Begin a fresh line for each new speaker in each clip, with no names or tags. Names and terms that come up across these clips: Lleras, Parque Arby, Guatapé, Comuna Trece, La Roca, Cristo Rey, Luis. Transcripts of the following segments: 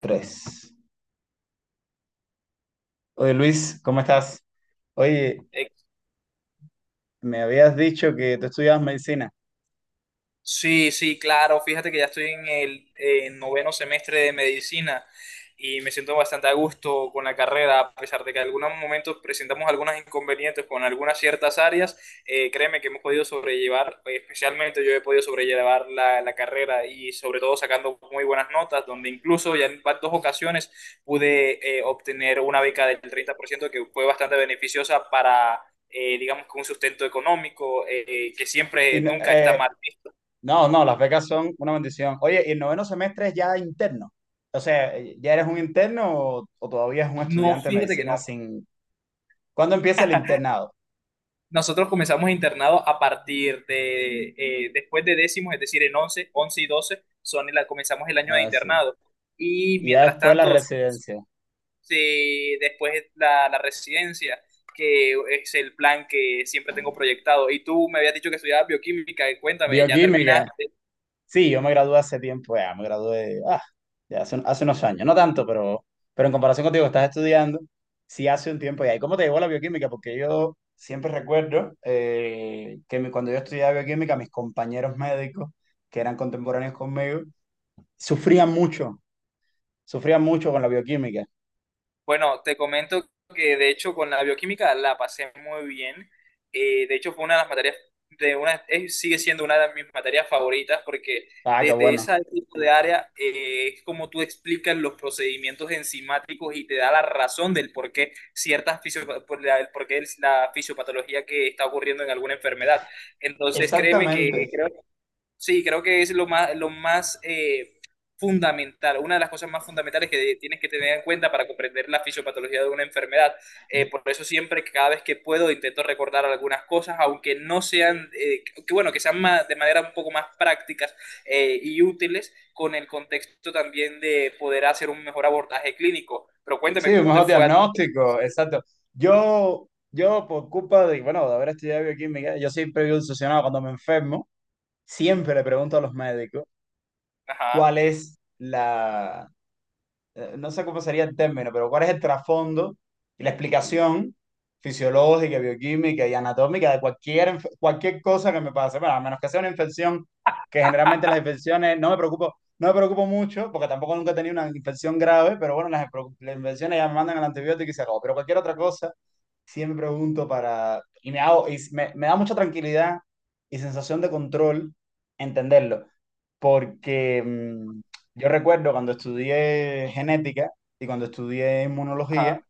Tres. Oye, Luis, ¿cómo estás? Oye,
Eh,
me habías dicho que tú estudiabas medicina.
Sí, sí, claro. Fíjate que ya estoy en el noveno semestre de medicina y me siento bastante a gusto con la carrera, a pesar de que en algunos momentos presentamos algunos inconvenientes con algunas ciertas áreas. Créeme que hemos podido sobrellevar, especialmente yo he podido sobrellevar la carrera, y sobre todo sacando muy buenas notas, donde incluso ya en dos ocasiones pude obtener una beca del 30% que fue bastante beneficiosa para digamos que un sustento económico, que
Y,
siempre
no,
nunca está mal.
no, no, las becas son una bendición. Oye, ¿y el noveno semestre es ya interno? O sea, ¿ya eres un interno o todavía es un
No,
estudiante de
fíjate que no.
medicina sin... ¿Cuándo empieza el internado?
Nosotros comenzamos internado a partir de, después de décimos, es decir, en once y 12 comenzamos el año de
Ah, sí.
internado. Y
Y ya
mientras
después la
tanto,
residencia.
después la residencia, que es el plan que siempre tengo proyectado. Y tú me habías dicho que estudiabas bioquímica, y cuéntame, ¿ya
Bioquímica.
terminaste?
Sí, yo me gradué hace tiempo, ya, me gradué ya hace, unos años, no tanto, pero en comparación contigo que estás estudiando, sí hace un tiempo ya. ¿Y cómo te llegó la bioquímica? Porque yo siempre recuerdo cuando yo estudiaba bioquímica, mis compañeros médicos, que eran contemporáneos conmigo, sufrían mucho, sufrían mucho con la bioquímica.
Bueno, te comento que de hecho con la bioquímica la pasé muy bien. De hecho fue una de las materias, sigue siendo una de mis materias favoritas, porque
Ah, qué
desde ese
bueno.
tipo de área, es como tú explicas los procedimientos enzimáticos y te da la razón del por qué ciertas fisio- por la, el por qué es la fisiopatología que está ocurriendo en alguna enfermedad. Entonces créeme que
Exactamente.
creo. Sí, creo que es lo más, lo más, fundamental, una de las cosas más fundamentales que tienes que tener en cuenta para comprender la fisiopatología de una enfermedad.
De-
Por eso siempre, cada vez que puedo, intento recordar algunas cosas, aunque no sean, que bueno, que sean de manera un poco más prácticas, y útiles, con el contexto también de poder hacer un mejor abordaje clínico. Pero
Sí,
cuéntame,
un
¿cómo te
mejor
fue a ti?
diagnóstico,
Sí.
exacto. Yo por culpa de, bueno, de haber estudiado bioquímica, yo siempre vivo obsesionado cuando me enfermo siempre le pregunto a los médicos
Ajá,
cuál es no sé cómo sería el término, pero cuál es el trasfondo y la explicación fisiológica, bioquímica y anatómica de cualquier, cualquier cosa que me pase. Bueno, a menos que sea una infección, que generalmente las infecciones no me preocupo, no me preocupo mucho, porque tampoco nunca he tenido una infección grave, pero bueno, las infecciones ya me mandan el antibiótico y se acabó. Pero cualquier otra cosa siempre pregunto para, y me hago, me da mucha tranquilidad y sensación de control entenderlo, porque yo recuerdo cuando estudié genética y cuando estudié inmunología,
ajá.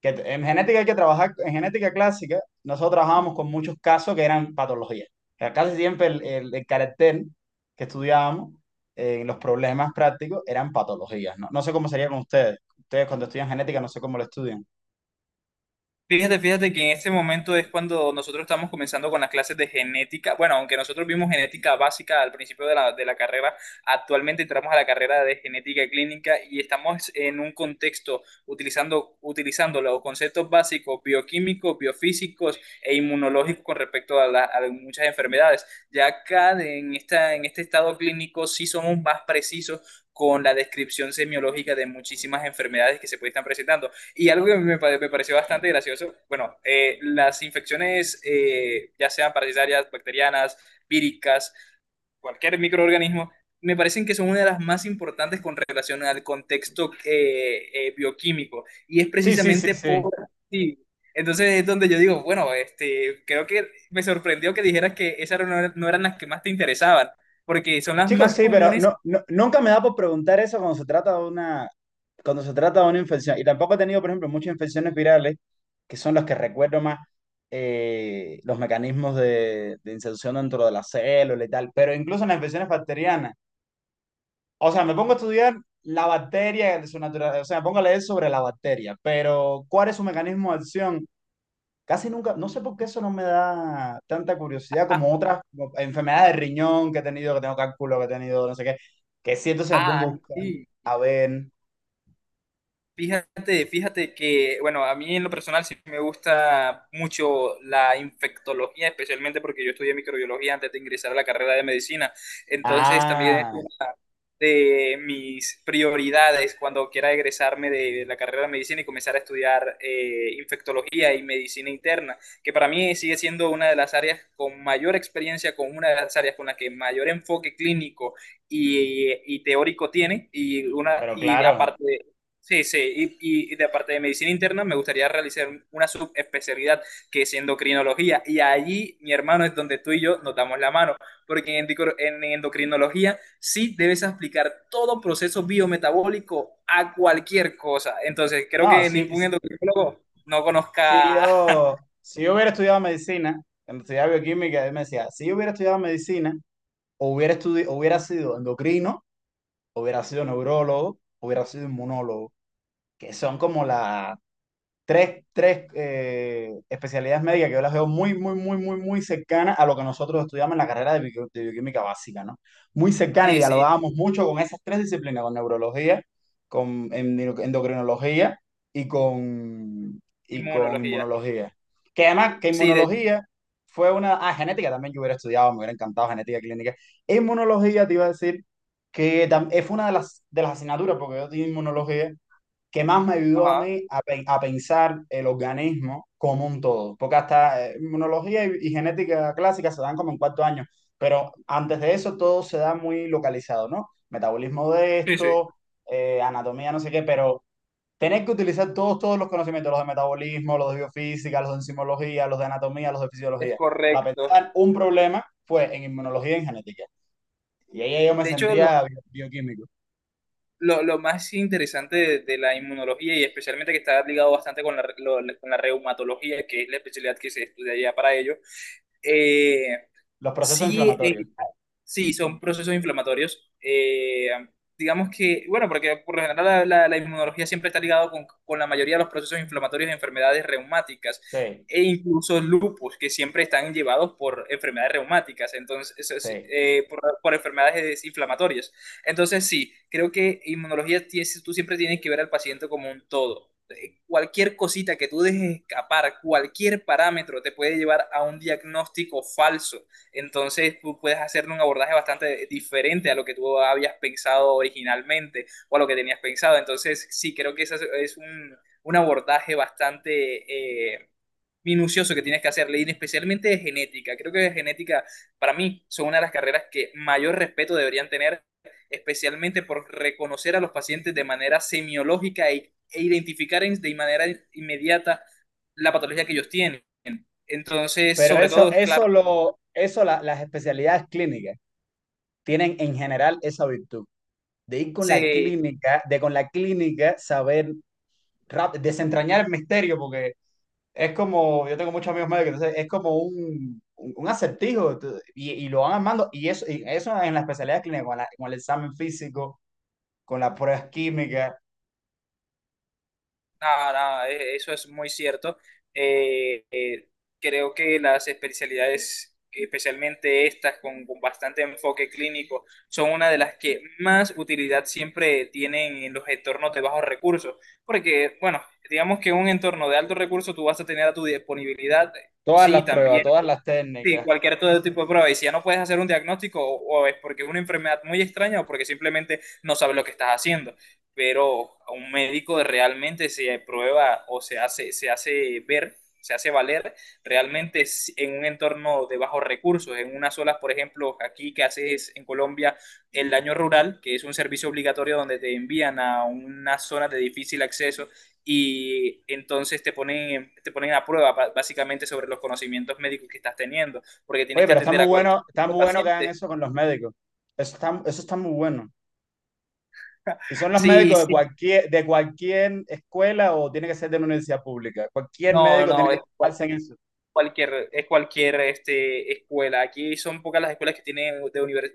en genética hay que trabajar, en genética clásica, nosotros trabajábamos con muchos casos que eran patologías. O sea, casi siempre el carácter que estudiábamos en los problemas prácticos eran patologías, ¿no? No sé cómo sería con ustedes. Ustedes cuando estudian genética, no sé cómo lo estudian.
Fíjate, fíjate que en este momento es cuando nosotros estamos comenzando con las clases de genética. Bueno, aunque nosotros vimos genética básica al principio de la carrera, actualmente entramos a la carrera de genética clínica y estamos en un contexto utilizando los conceptos básicos bioquímicos, biofísicos e inmunológicos con respecto a muchas enfermedades. Ya acá en este estado clínico sí somos más precisos con la descripción semiológica de muchísimas enfermedades que se pueden estar presentando. Y algo que me pareció bastante gracioso. Bueno, las infecciones, ya sean parasitarias, bacterianas, víricas, cualquier microorganismo, me parecen que son una de las más importantes con relación al contexto, bioquímico. Y es
Sí, sí, sí,
precisamente
sí.
por sí. Entonces es donde yo digo, bueno, este, creo que me sorprendió que dijeras que esas no, no eran las que más te interesaban, porque son las
Chicos,
más
sí, pero
comunes.
no, nunca me da por preguntar eso cuando se trata de una, cuando se trata de una infección. Y tampoco he tenido, por ejemplo, muchas infecciones virales, que son las que recuerdo más los mecanismos de inserción dentro de la célula y tal. Pero incluso en las infecciones bacterianas. O sea, me pongo a estudiar la bacteria, su naturaleza, o sea, me pongo a leer sobre la bacteria, pero ¿cuál es su mecanismo de acción? Casi nunca, no sé por qué eso no me da tanta curiosidad
Ah,
como otras como enfermedades de riñón que he tenido, que tengo cálculo, que he tenido, no sé qué, que siento se me pongo a
ay,
buscar.
sí.
A ver.
Fíjate, fíjate que, bueno, a mí en lo personal sí me gusta mucho la infectología, especialmente porque yo estudié microbiología antes de ingresar a la carrera de medicina. Entonces también es
Ah,
una de mis prioridades cuando quiera egresarme de la carrera de medicina y comenzar a estudiar infectología y medicina interna, que para mí sigue siendo una de las áreas con mayor experiencia, con una de las áreas con la que mayor enfoque clínico y teórico tiene,
pero
y
claro.
aparte. Sí, sí, y de parte de medicina interna me gustaría realizar una subespecialidad que es endocrinología, y allí mi hermano es donde tú y yo nos damos la mano, porque en endocrinología sí debes aplicar todo proceso biometabólico a cualquier cosa, entonces creo
No,
que ningún endocrinólogo no
si
conozca.
yo, si yo hubiera estudiado medicina, cuando estudiaba bioquímica, él me decía, si yo hubiera estudiado medicina, o hubiera, estudi hubiera sido endocrino, hubiera sido neurólogo, hubiera sido inmunólogo, que son como las tres especialidades médicas que yo las veo muy, muy, muy, muy, muy cercanas a lo que nosotros estudiamos en la carrera de, de bioquímica básica, ¿no? Muy cercana y
Sí, sí,
dialogábamos mucho con esas tres disciplinas, con neurología, con endocrinología y con, y con
inmunología,
inmunología. Que además, que
sí, de,
inmunología fue una... Ah, genética también yo hubiera estudiado, me hubiera encantado genética clínica. Inmunología te iba a decir que fue una de de las asignaturas, porque yo di inmunología que más me ayudó a
ajá,
mí a, a pensar el organismo como un todo. Porque hasta inmunología y genética clásica se dan como en cuarto año, pero antes de eso todo se da muy localizado, ¿no? Metabolismo de
sí, sí,
esto, anatomía, no sé qué, pero tener que utilizar todos los conocimientos, los de metabolismo, los de biofísica, los de enzimología, los de anatomía, los de
es
fisiología, para
correcto.
pensar un problema fue en inmunología y en genética. Y ahí yo me
De hecho, los
sentía bioquímico.
lo, lo más interesante de la inmunología, y especialmente que está ligado bastante con la, re- lo- la- con la reumatología, que es la especialidad que se estudia ya para ello, eh,
Los procesos
sí,
inflamatorios.
sí, son procesos inflamatorios. Digamos que, bueno, porque por lo general la inmunología siempre está ligada con la mayoría de los procesos inflamatorios de enfermedades reumáticas,
Sí,
e incluso lupus, que siempre están llevados por enfermedades reumáticas. Entonces, eso es,
sí.
por enfermedades inflamatorias. Entonces, sí, creo que inmunología, tú siempre tienes que ver al paciente como un todo. Cualquier cosita que tú dejes escapar, cualquier parámetro te puede llevar a un diagnóstico falso, entonces tú puedes hacer un abordaje bastante diferente a lo que tú habías pensado originalmente, o a lo que tenías pensado. Entonces sí, creo que ese es un abordaje bastante, minucioso, que tienes que hacerle, y especialmente de genética. Creo que de genética, para mí, son una de las carreras que mayor respeto deberían tener, especialmente por reconocer a los pacientes de manera semiológica e identificar de manera inmediata la patología que ellos tienen. Entonces,
Pero
sobre
eso,
todo, claro,
las especialidades clínicas tienen en general esa virtud de ir con la
se
clínica, de con la clínica saber desentrañar el misterio, porque es como, yo tengo muchos amigos médicos, entonces es como un acertijo y lo van armando, y eso en las especialidades clínicas, con, con el examen físico, con las pruebas químicas,
Nada, nada, eso es muy cierto. Eh, eh, Creo que las especialidades, especialmente estas con bastante enfoque clínico, son una de las que más utilidad siempre tienen en los entornos de bajos recursos. Porque, bueno, digamos que en un entorno de alto recurso tú vas a tener a tu disponibilidad,
todas
sí,
las pruebas,
también.
todas las
Sí,
técnicas.
cualquier todo tipo de prueba. Y si ya no puedes hacer un diagnóstico, o es porque es una enfermedad muy extraña, o porque simplemente no sabes lo que estás haciendo. Pero a un médico realmente se prueba, o se hace ver, se hace valer realmente, en un entorno de bajos recursos, en unas zonas, por ejemplo, aquí que haces en Colombia el daño rural, que es un servicio obligatorio donde te envían a una zona de difícil acceso, y entonces te ponen a prueba básicamente sobre los conocimientos médicos que estás teniendo, porque tienes
Oye,
que
pero
atender a cualquier
está
tipo de
muy bueno que hagan
paciente.
eso con los médicos. Eso está muy bueno. ¿Y son los
Sí,
médicos
sí,
de cualquier escuela o tiene que ser de una universidad pública? Cualquier
no,
médico tiene
no,
que tomarse en eso.
es cualquier este, escuela. Aquí son pocas las escuelas que tienen de univers-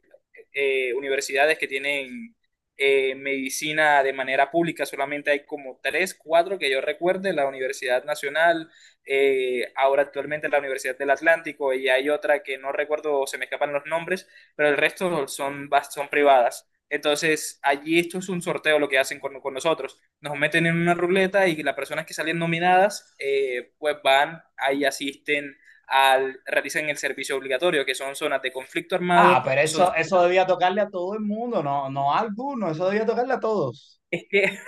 eh, universidades que tienen medicina de manera pública. Solamente hay como tres, cuatro que yo recuerde: la Universidad Nacional, ahora actualmente la Universidad del Atlántico, y hay otra que no recuerdo, se me escapan los nombres, pero el resto son privadas. Entonces, allí esto es un sorteo lo que hacen con nosotros, nos meten en una ruleta y las personas que salen nominadas, pues van, ahí asisten, realizan el servicio obligatorio, que son zonas de conflicto
Ah,
armado,
pero
son.
eso debía tocarle a todo el mundo, no, no a alguno, eso debía tocarle a todos.
Es que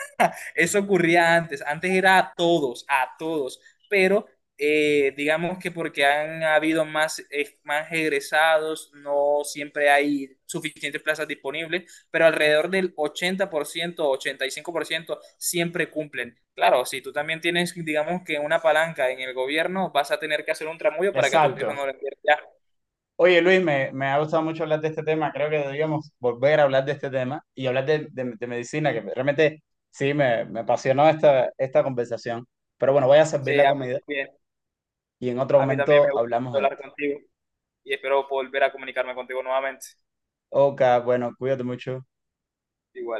eso ocurría antes, antes era a todos, pero, digamos que porque han habido más egresados, no siempre hay suficientes plazas disponibles, pero alrededor del ochenta por ciento, 85% siempre cumplen. Claro, si tú también tienes, digamos que una palanca en el gobierno, vas a tener que hacer un tramullo para que a tu hijo no
Exacto.
lo pierda.
Oye, Luis, me ha gustado mucho hablar de este tema. Creo que deberíamos volver a hablar de este tema y hablar de, de medicina, que realmente sí, me apasionó esta, esta conversación. Pero bueno, voy a
Sí,
servir la comida y en otro
a mí también me
momento
gusta
hablamos de
hablar
esto.
contigo, y espero volver a comunicarme contigo nuevamente.
Ok, bueno, cuídate mucho.
Igual.